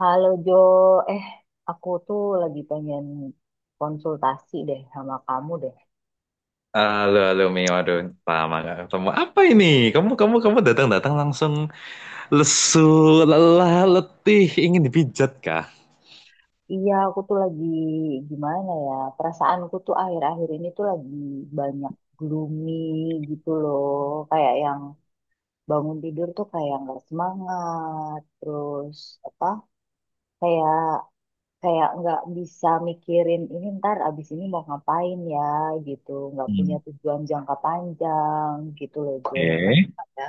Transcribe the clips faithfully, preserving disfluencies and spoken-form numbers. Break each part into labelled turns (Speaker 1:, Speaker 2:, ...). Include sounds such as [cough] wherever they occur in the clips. Speaker 1: Halo Jo, eh aku tuh lagi pengen konsultasi deh sama kamu deh.
Speaker 2: Halo, halo Mio, aduh, lama gak ketemu. Apa ini? Kamu, kamu, kamu datang-datang langsung lesu, lelah, letih, ingin dipijat kah?
Speaker 1: Iya, aku tuh lagi gimana ya, perasaanku tuh akhir-akhir ini tuh lagi banyak gloomy gitu loh. Kayak yang bangun tidur tuh kayak nggak semangat, terus apa, kayak kayak nggak bisa mikirin ini ntar abis ini mau ngapain ya gitu, nggak punya
Speaker 2: Hmm,
Speaker 1: tujuan jangka panjang gitu loh Jo.
Speaker 2: oke.
Speaker 1: Kenapa ya?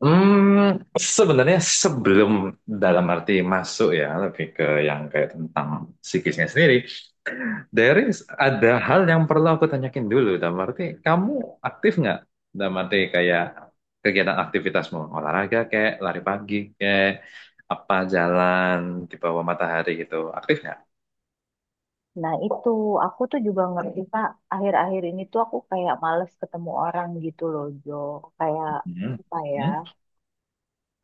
Speaker 2: Hmm, Sebenarnya sebelum dalam arti masuk ya, lebih ke yang kayak tentang psikisnya sendiri. There is Ada hal yang perlu aku tanyakin dulu, dalam arti kamu aktif nggak? Dalam arti kayak kegiatan aktivitasmu, olahraga kayak lari pagi kayak apa jalan di bawah matahari gitu, aktif nggak?
Speaker 1: Nah, itu aku tuh juga ngerti, Pak. Akhir-akhir ini tuh aku kayak males ketemu orang gitu loh, Jo. Kayak
Speaker 2: Hmm.
Speaker 1: apa ya?
Speaker 2: Hmm.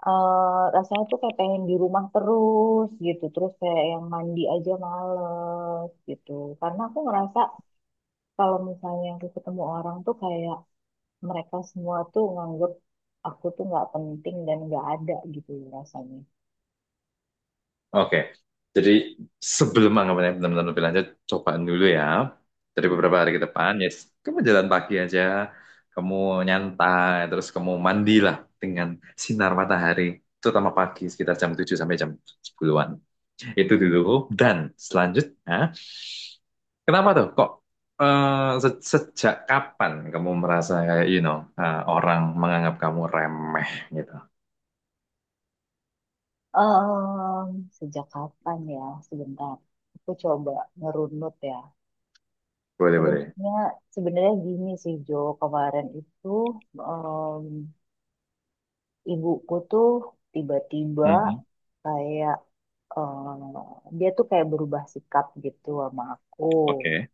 Speaker 1: eh Rasanya tuh kayak pengen di rumah terus gitu. Terus kayak yang mandi aja males gitu. Karena aku ngerasa kalau misalnya aku ketemu orang tuh kayak mereka semua tuh nganggep aku tuh nggak penting dan nggak ada gitu loh rasanya.
Speaker 2: Oke, jadi sebelum anggapannya benar-benar lebih lanjut, cobaan dulu ya. Dari
Speaker 1: Mm-mm.
Speaker 2: beberapa hari ke depan, yes, kamu jalan pagi aja, kamu nyantai, terus kamu mandilah dengan sinar matahari, terutama pagi sekitar jam tujuh sampai jam sepuluhan-an. Itu dulu. Dan selanjutnya, kenapa tuh? Kok eh, se- sejak kapan kamu merasa kayak, you know, eh, orang menganggap kamu remeh gitu?
Speaker 1: Em, Sejak kapan ya? Sebentar. Aku coba ngerunut ya.
Speaker 2: Boleh, boleh.
Speaker 1: Sebenarnya sebenarnya gini sih Jo, kemarin itu em, ibuku tuh tiba-tiba
Speaker 2: Mhm.
Speaker 1: kayak em, dia tuh kayak berubah sikap gitu sama aku.
Speaker 2: Oke.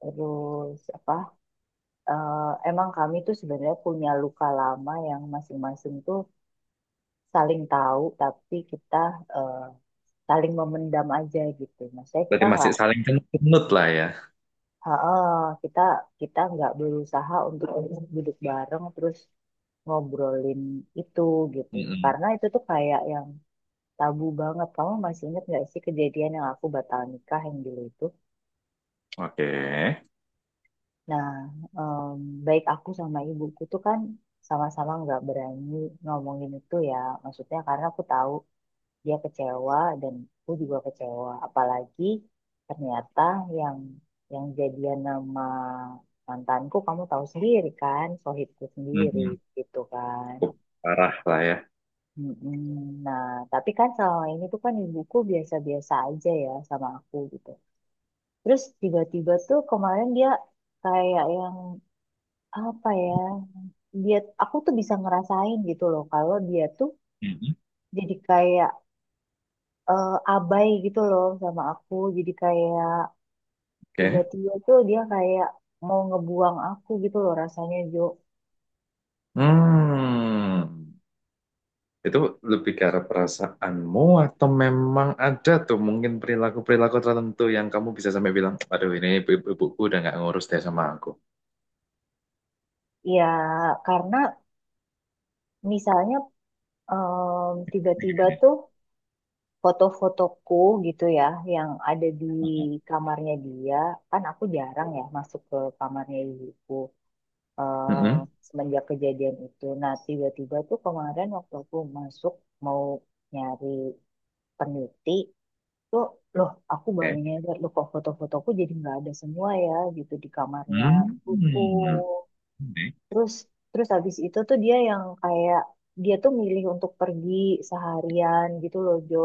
Speaker 1: Terus apa? eh, Emang kami tuh sebenarnya punya luka lama yang masing-masing tuh saling tahu, tapi kita eh, saling memendam aja gitu. Maksudnya kita
Speaker 2: Berarti masih
Speaker 1: nggak.
Speaker 2: saling kenut lah ya.
Speaker 1: Heeh, kita kita nggak berusaha untuk duduk bareng terus ngobrolin itu gitu.
Speaker 2: Mhm.
Speaker 1: Karena itu tuh kayak yang tabu banget. Kamu masih ingat nggak sih kejadian yang aku batal nikah yang dulu itu?
Speaker 2: Oke.
Speaker 1: Nah, em, baik aku sama ibuku tuh kan sama-sama nggak berani ngomongin itu ya. Maksudnya karena aku tahu dia kecewa dan aku juga kecewa apalagi ternyata yang yang jadian nama mantanku kamu tahu sendiri kan sohibku sendiri
Speaker 2: Mhm.
Speaker 1: gitu kan.
Speaker 2: Cukup parah lah ya.
Speaker 1: Mm-mm. Nah, tapi kan selama ini tuh kan ibuku biasa-biasa aja ya sama aku gitu. Terus tiba-tiba tuh kemarin dia kayak yang apa ya? Dia, aku tuh bisa ngerasain gitu loh kalau dia tuh
Speaker 2: Mhm.
Speaker 1: jadi kayak eh, abai gitu loh sama aku. Jadi kayak
Speaker 2: Oke.
Speaker 1: tiba-tiba tuh dia kayak mau ngebuang aku gitu loh rasanya Jo.
Speaker 2: Hmm. Itu lebih ke arah perasaanmu atau memang ada tuh mungkin perilaku-perilaku tertentu yang kamu bisa sampai bilang, aduh ini ibu- ibuku udah nggak ngurus deh sama aku.
Speaker 1: Ya karena misalnya em, tiba-tiba tuh foto-fotoku gitu ya yang ada di kamarnya dia, kan aku jarang ya masuk ke kamarnya ibuku eh,
Speaker 2: Mm-mm.
Speaker 1: semenjak kejadian itu. Nah tiba-tiba tuh kemarin waktu aku masuk mau nyari peneliti tuh loh aku baru
Speaker 2: Oke.
Speaker 1: nyadar loh kok foto-fotoku jadi nggak ada semua ya gitu di kamarnya
Speaker 2: Hmm.
Speaker 1: ibuku.
Speaker 2: Oke.
Speaker 1: Terus terus habis itu tuh dia yang kayak dia tuh milih untuk pergi seharian gitu loh Jo.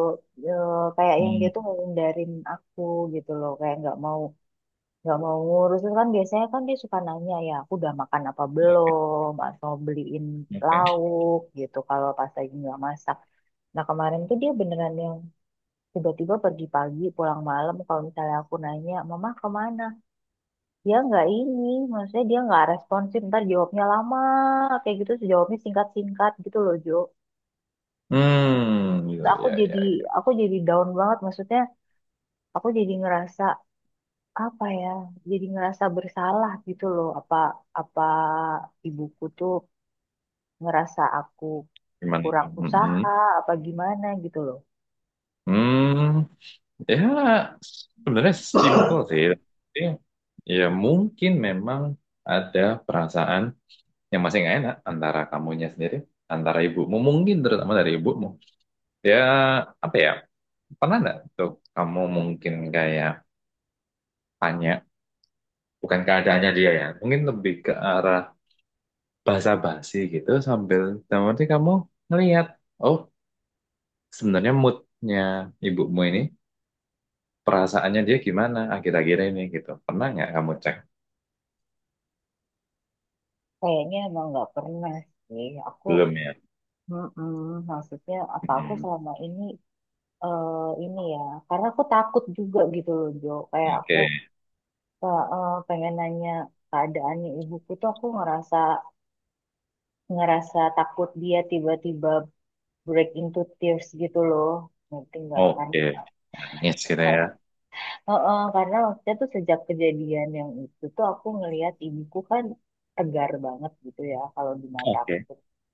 Speaker 1: Eh, kayak yang dia
Speaker 2: Hmm.
Speaker 1: tuh ngehindarin aku gitu loh kayak nggak mau, nggak mau ngurus. Terus kan biasanya kan dia suka nanya ya aku udah makan apa belum atau beliin
Speaker 2: Oke.
Speaker 1: lauk gitu kalau pas lagi nggak masak, nah kemarin tuh dia beneran yang tiba-tiba pergi pagi pulang malam kalau misalnya aku nanya mama kemana dia nggak ini, maksudnya dia nggak responsif ntar jawabnya lama kayak gitu terus jawabnya singkat-singkat gitu loh Jo.
Speaker 2: Hmm. Gitu,
Speaker 1: Terus aku
Speaker 2: ya,
Speaker 1: jadi,
Speaker 2: ya, ya.
Speaker 1: aku jadi down banget maksudnya aku jadi ngerasa apa ya, jadi ngerasa bersalah gitu loh, apa, apa ibuku tuh ngerasa aku
Speaker 2: Gimana
Speaker 1: kurang
Speaker 2: tuh? Mm-mm.
Speaker 1: usaha apa gimana gitu loh.
Speaker 2: Hmm. Ya, sebenarnya simpel sih. Tapi ya, mungkin memang ada perasaan yang masih nggak enak antara kamunya sendiri, antara ibumu, mungkin terutama dari ibumu, ya, apa ya, pernah nggak tuh kamu mungkin kayak tanya, bukan keadaannya dia ya, mungkin lebih ke arah basa-basi gitu, sambil dalam arti kamu ngelihat, oh, sebenarnya moodnya ibumu ini, perasaannya dia gimana akhir-akhir ini gitu, pernah nggak kamu cek?
Speaker 1: Kayaknya emang nggak pernah sih aku,
Speaker 2: Belum ya.
Speaker 1: mm maksudnya apa aku
Speaker 2: Hmm,
Speaker 1: selama ini eh ini ya, karena aku takut juga gitu loh Jo. Kayak aku
Speaker 2: oke.
Speaker 1: eh, eh, pengen nanya keadaannya ibuku tuh aku ngerasa, ngerasa takut dia tiba-tiba break into tears gitu loh. Ngerti nggak kan?
Speaker 2: Oke, nangis gitu ya.
Speaker 1: Karena, eh, eh, karena waktu itu sejak kejadian yang itu tuh aku ngelihat ibuku kan tegar banget gitu ya kalau di mata
Speaker 2: Oke.
Speaker 1: aku.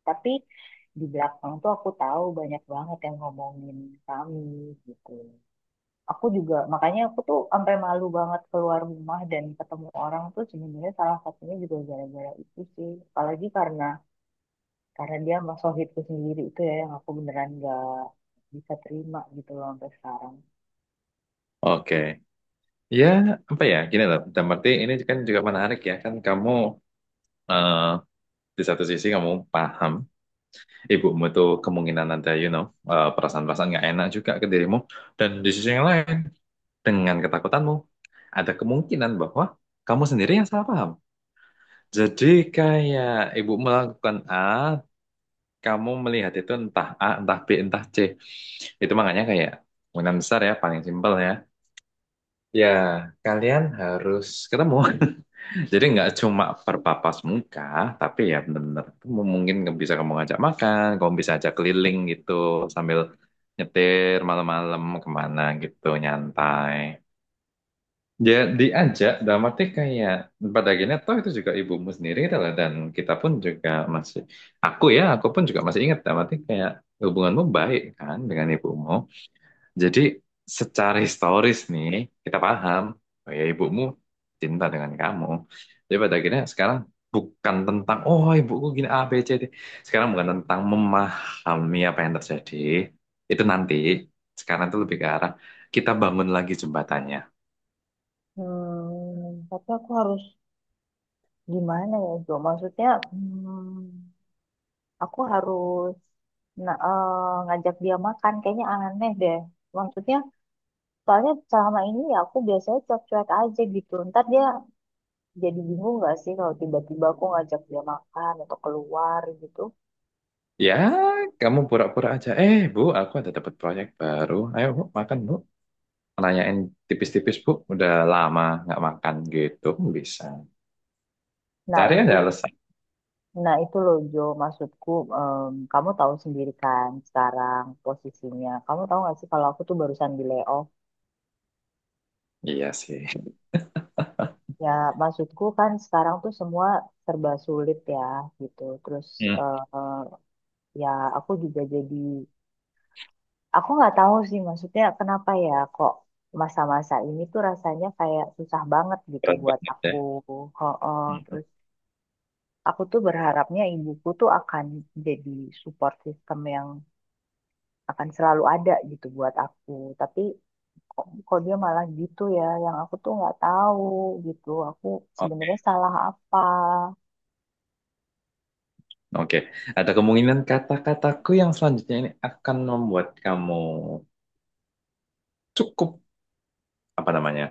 Speaker 1: Tapi di belakang tuh aku tahu banyak banget yang ngomongin kami gitu. Aku juga, makanya aku tuh sampai malu banget keluar rumah dan ketemu orang tuh sebenarnya salah satunya juga gara-gara itu sih. Apalagi karena karena dia sama sohibku sendiri itu ya yang aku beneran gak bisa terima gitu loh sampai sekarang.
Speaker 2: Oke, ya, apa ya? Gini loh, dalam arti ini kan juga menarik ya. Kan kamu eh, di satu sisi kamu paham ibumu tuh kemungkinan ada, you know, eh, perasaan-perasaan nggak enak juga ke dirimu. Dan di sisi yang lain, dengan ketakutanmu, ada kemungkinan bahwa kamu sendiri yang salah paham. Jadi kayak ibu melakukan A, kamu melihat itu entah A, entah B, entah C. Itu makanya kayak kemungkinan besar ya, paling simpel ya. Ya, kalian harus ketemu. [laughs] Jadi nggak cuma berpapas muka, tapi ya bener-bener kamu, mungkin nggak bisa kamu ngajak makan, kamu bisa ajak keliling gitu sambil nyetir malam-malam kemana gitu nyantai. Ya diajak dalam arti kayak pada akhirnya toh itu juga ibumu sendiri adalah, dan kita pun juga masih, aku ya aku pun juga masih ingat dalam arti kayak hubunganmu baik kan dengan ibumu. Jadi secara historis nih kita paham, oh ya ibumu cinta dengan kamu. Jadi pada akhirnya sekarang bukan tentang oh ibuku gini A B C D. Sekarang bukan tentang memahami apa yang terjadi. Itu nanti. Sekarang itu lebih ke arah kita bangun lagi jembatannya.
Speaker 1: Hmm, tapi aku harus gimana ya Jo? Maksudnya hmm, aku harus, nah, eh, ngajak dia makan kayaknya aneh deh. Maksudnya soalnya selama ini ya aku biasanya cuek-cuek aja gitu. Ntar dia jadi bingung nggak sih kalau tiba-tiba aku ngajak dia makan atau keluar gitu.
Speaker 2: Ya, kamu pura-pura aja. Eh, Bu, aku ada dapat proyek baru. Ayo, Bu, makan, Bu. Nanyain tipis-tipis, Bu. Udah lama nggak makan gitu. Bisa.
Speaker 1: Nah
Speaker 2: Cari
Speaker 1: itu,
Speaker 2: aja alasan.
Speaker 1: nah itu loh Jo, maksudku em, kamu tahu sendiri kan sekarang posisinya. Kamu tahu nggak sih kalau aku tuh barusan di layoff.
Speaker 2: Iya sih.
Speaker 1: Ya maksudku kan sekarang tuh semua serba sulit ya gitu. Terus
Speaker 2: Hmm.
Speaker 1: eh, eh, ya aku juga jadi, aku nggak tahu sih maksudnya kenapa ya kok masa-masa ini tuh rasanya kayak susah banget gitu
Speaker 2: Berat
Speaker 1: buat
Speaker 2: banget ya.
Speaker 1: aku. Ho-oh.
Speaker 2: Gitu.
Speaker 1: Terus aku tuh berharapnya ibuku tuh akan jadi support system yang akan selalu ada gitu buat aku. Tapi kok, kok dia malah gitu ya, yang aku tuh nggak tahu gitu. Aku sebenarnya
Speaker 2: Oke,
Speaker 1: salah apa.
Speaker 2: oke. Ada kemungkinan kata-kataku yang selanjutnya ini akan membuat kamu cukup, apa namanya,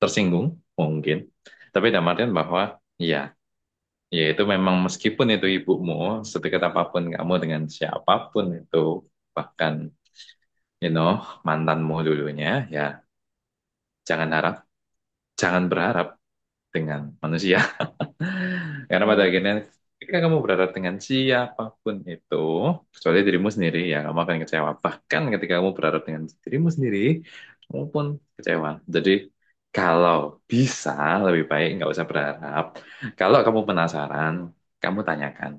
Speaker 2: tersinggung mungkin. Tapi dalam artian bahwa iya, ya, yaitu memang meskipun itu ibumu, sedekat apapun kamu dengan siapapun itu, bahkan you know mantanmu dulunya, ya jangan harap, jangan berharap dengan manusia. Karena pada
Speaker 1: Hmm.
Speaker 2: akhirnya ketika kamu berharap dengan siapapun itu, kecuali dirimu sendiri, ya kamu akan kecewa. Bahkan ketika kamu berharap dengan dirimu sendiri, kamu pun kecewa. Jadi kalau bisa, lebih baik nggak usah berharap. Kalau kamu penasaran, kamu tanyakan.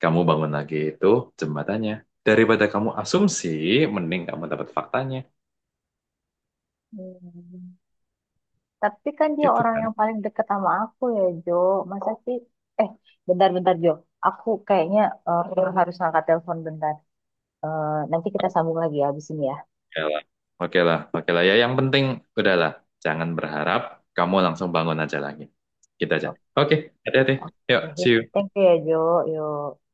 Speaker 2: Kamu bangun lagi itu jembatannya. Daripada kamu asumsi, mending kamu dapat faktanya.
Speaker 1: Hmm. Tapi kan dia
Speaker 2: Gitu
Speaker 1: orang
Speaker 2: kan?
Speaker 1: yang paling deket sama aku ya, Jo. Masa sih? Eh, bentar-bentar, Jo. Aku kayaknya eh, harus ngangkat telepon bentar. Eh, Nanti kita sambung lagi ya habis ini ya.
Speaker 2: Oke lah, oke lah, oke lah. Ya yang penting udahlah, jangan berharap, kamu langsung bangun aja lagi. Kita aja.
Speaker 1: Oke.
Speaker 2: Oke, hati-hati. Yuk,
Speaker 1: Oke.
Speaker 2: see you.
Speaker 1: Thank you ya, Jo. Yuk.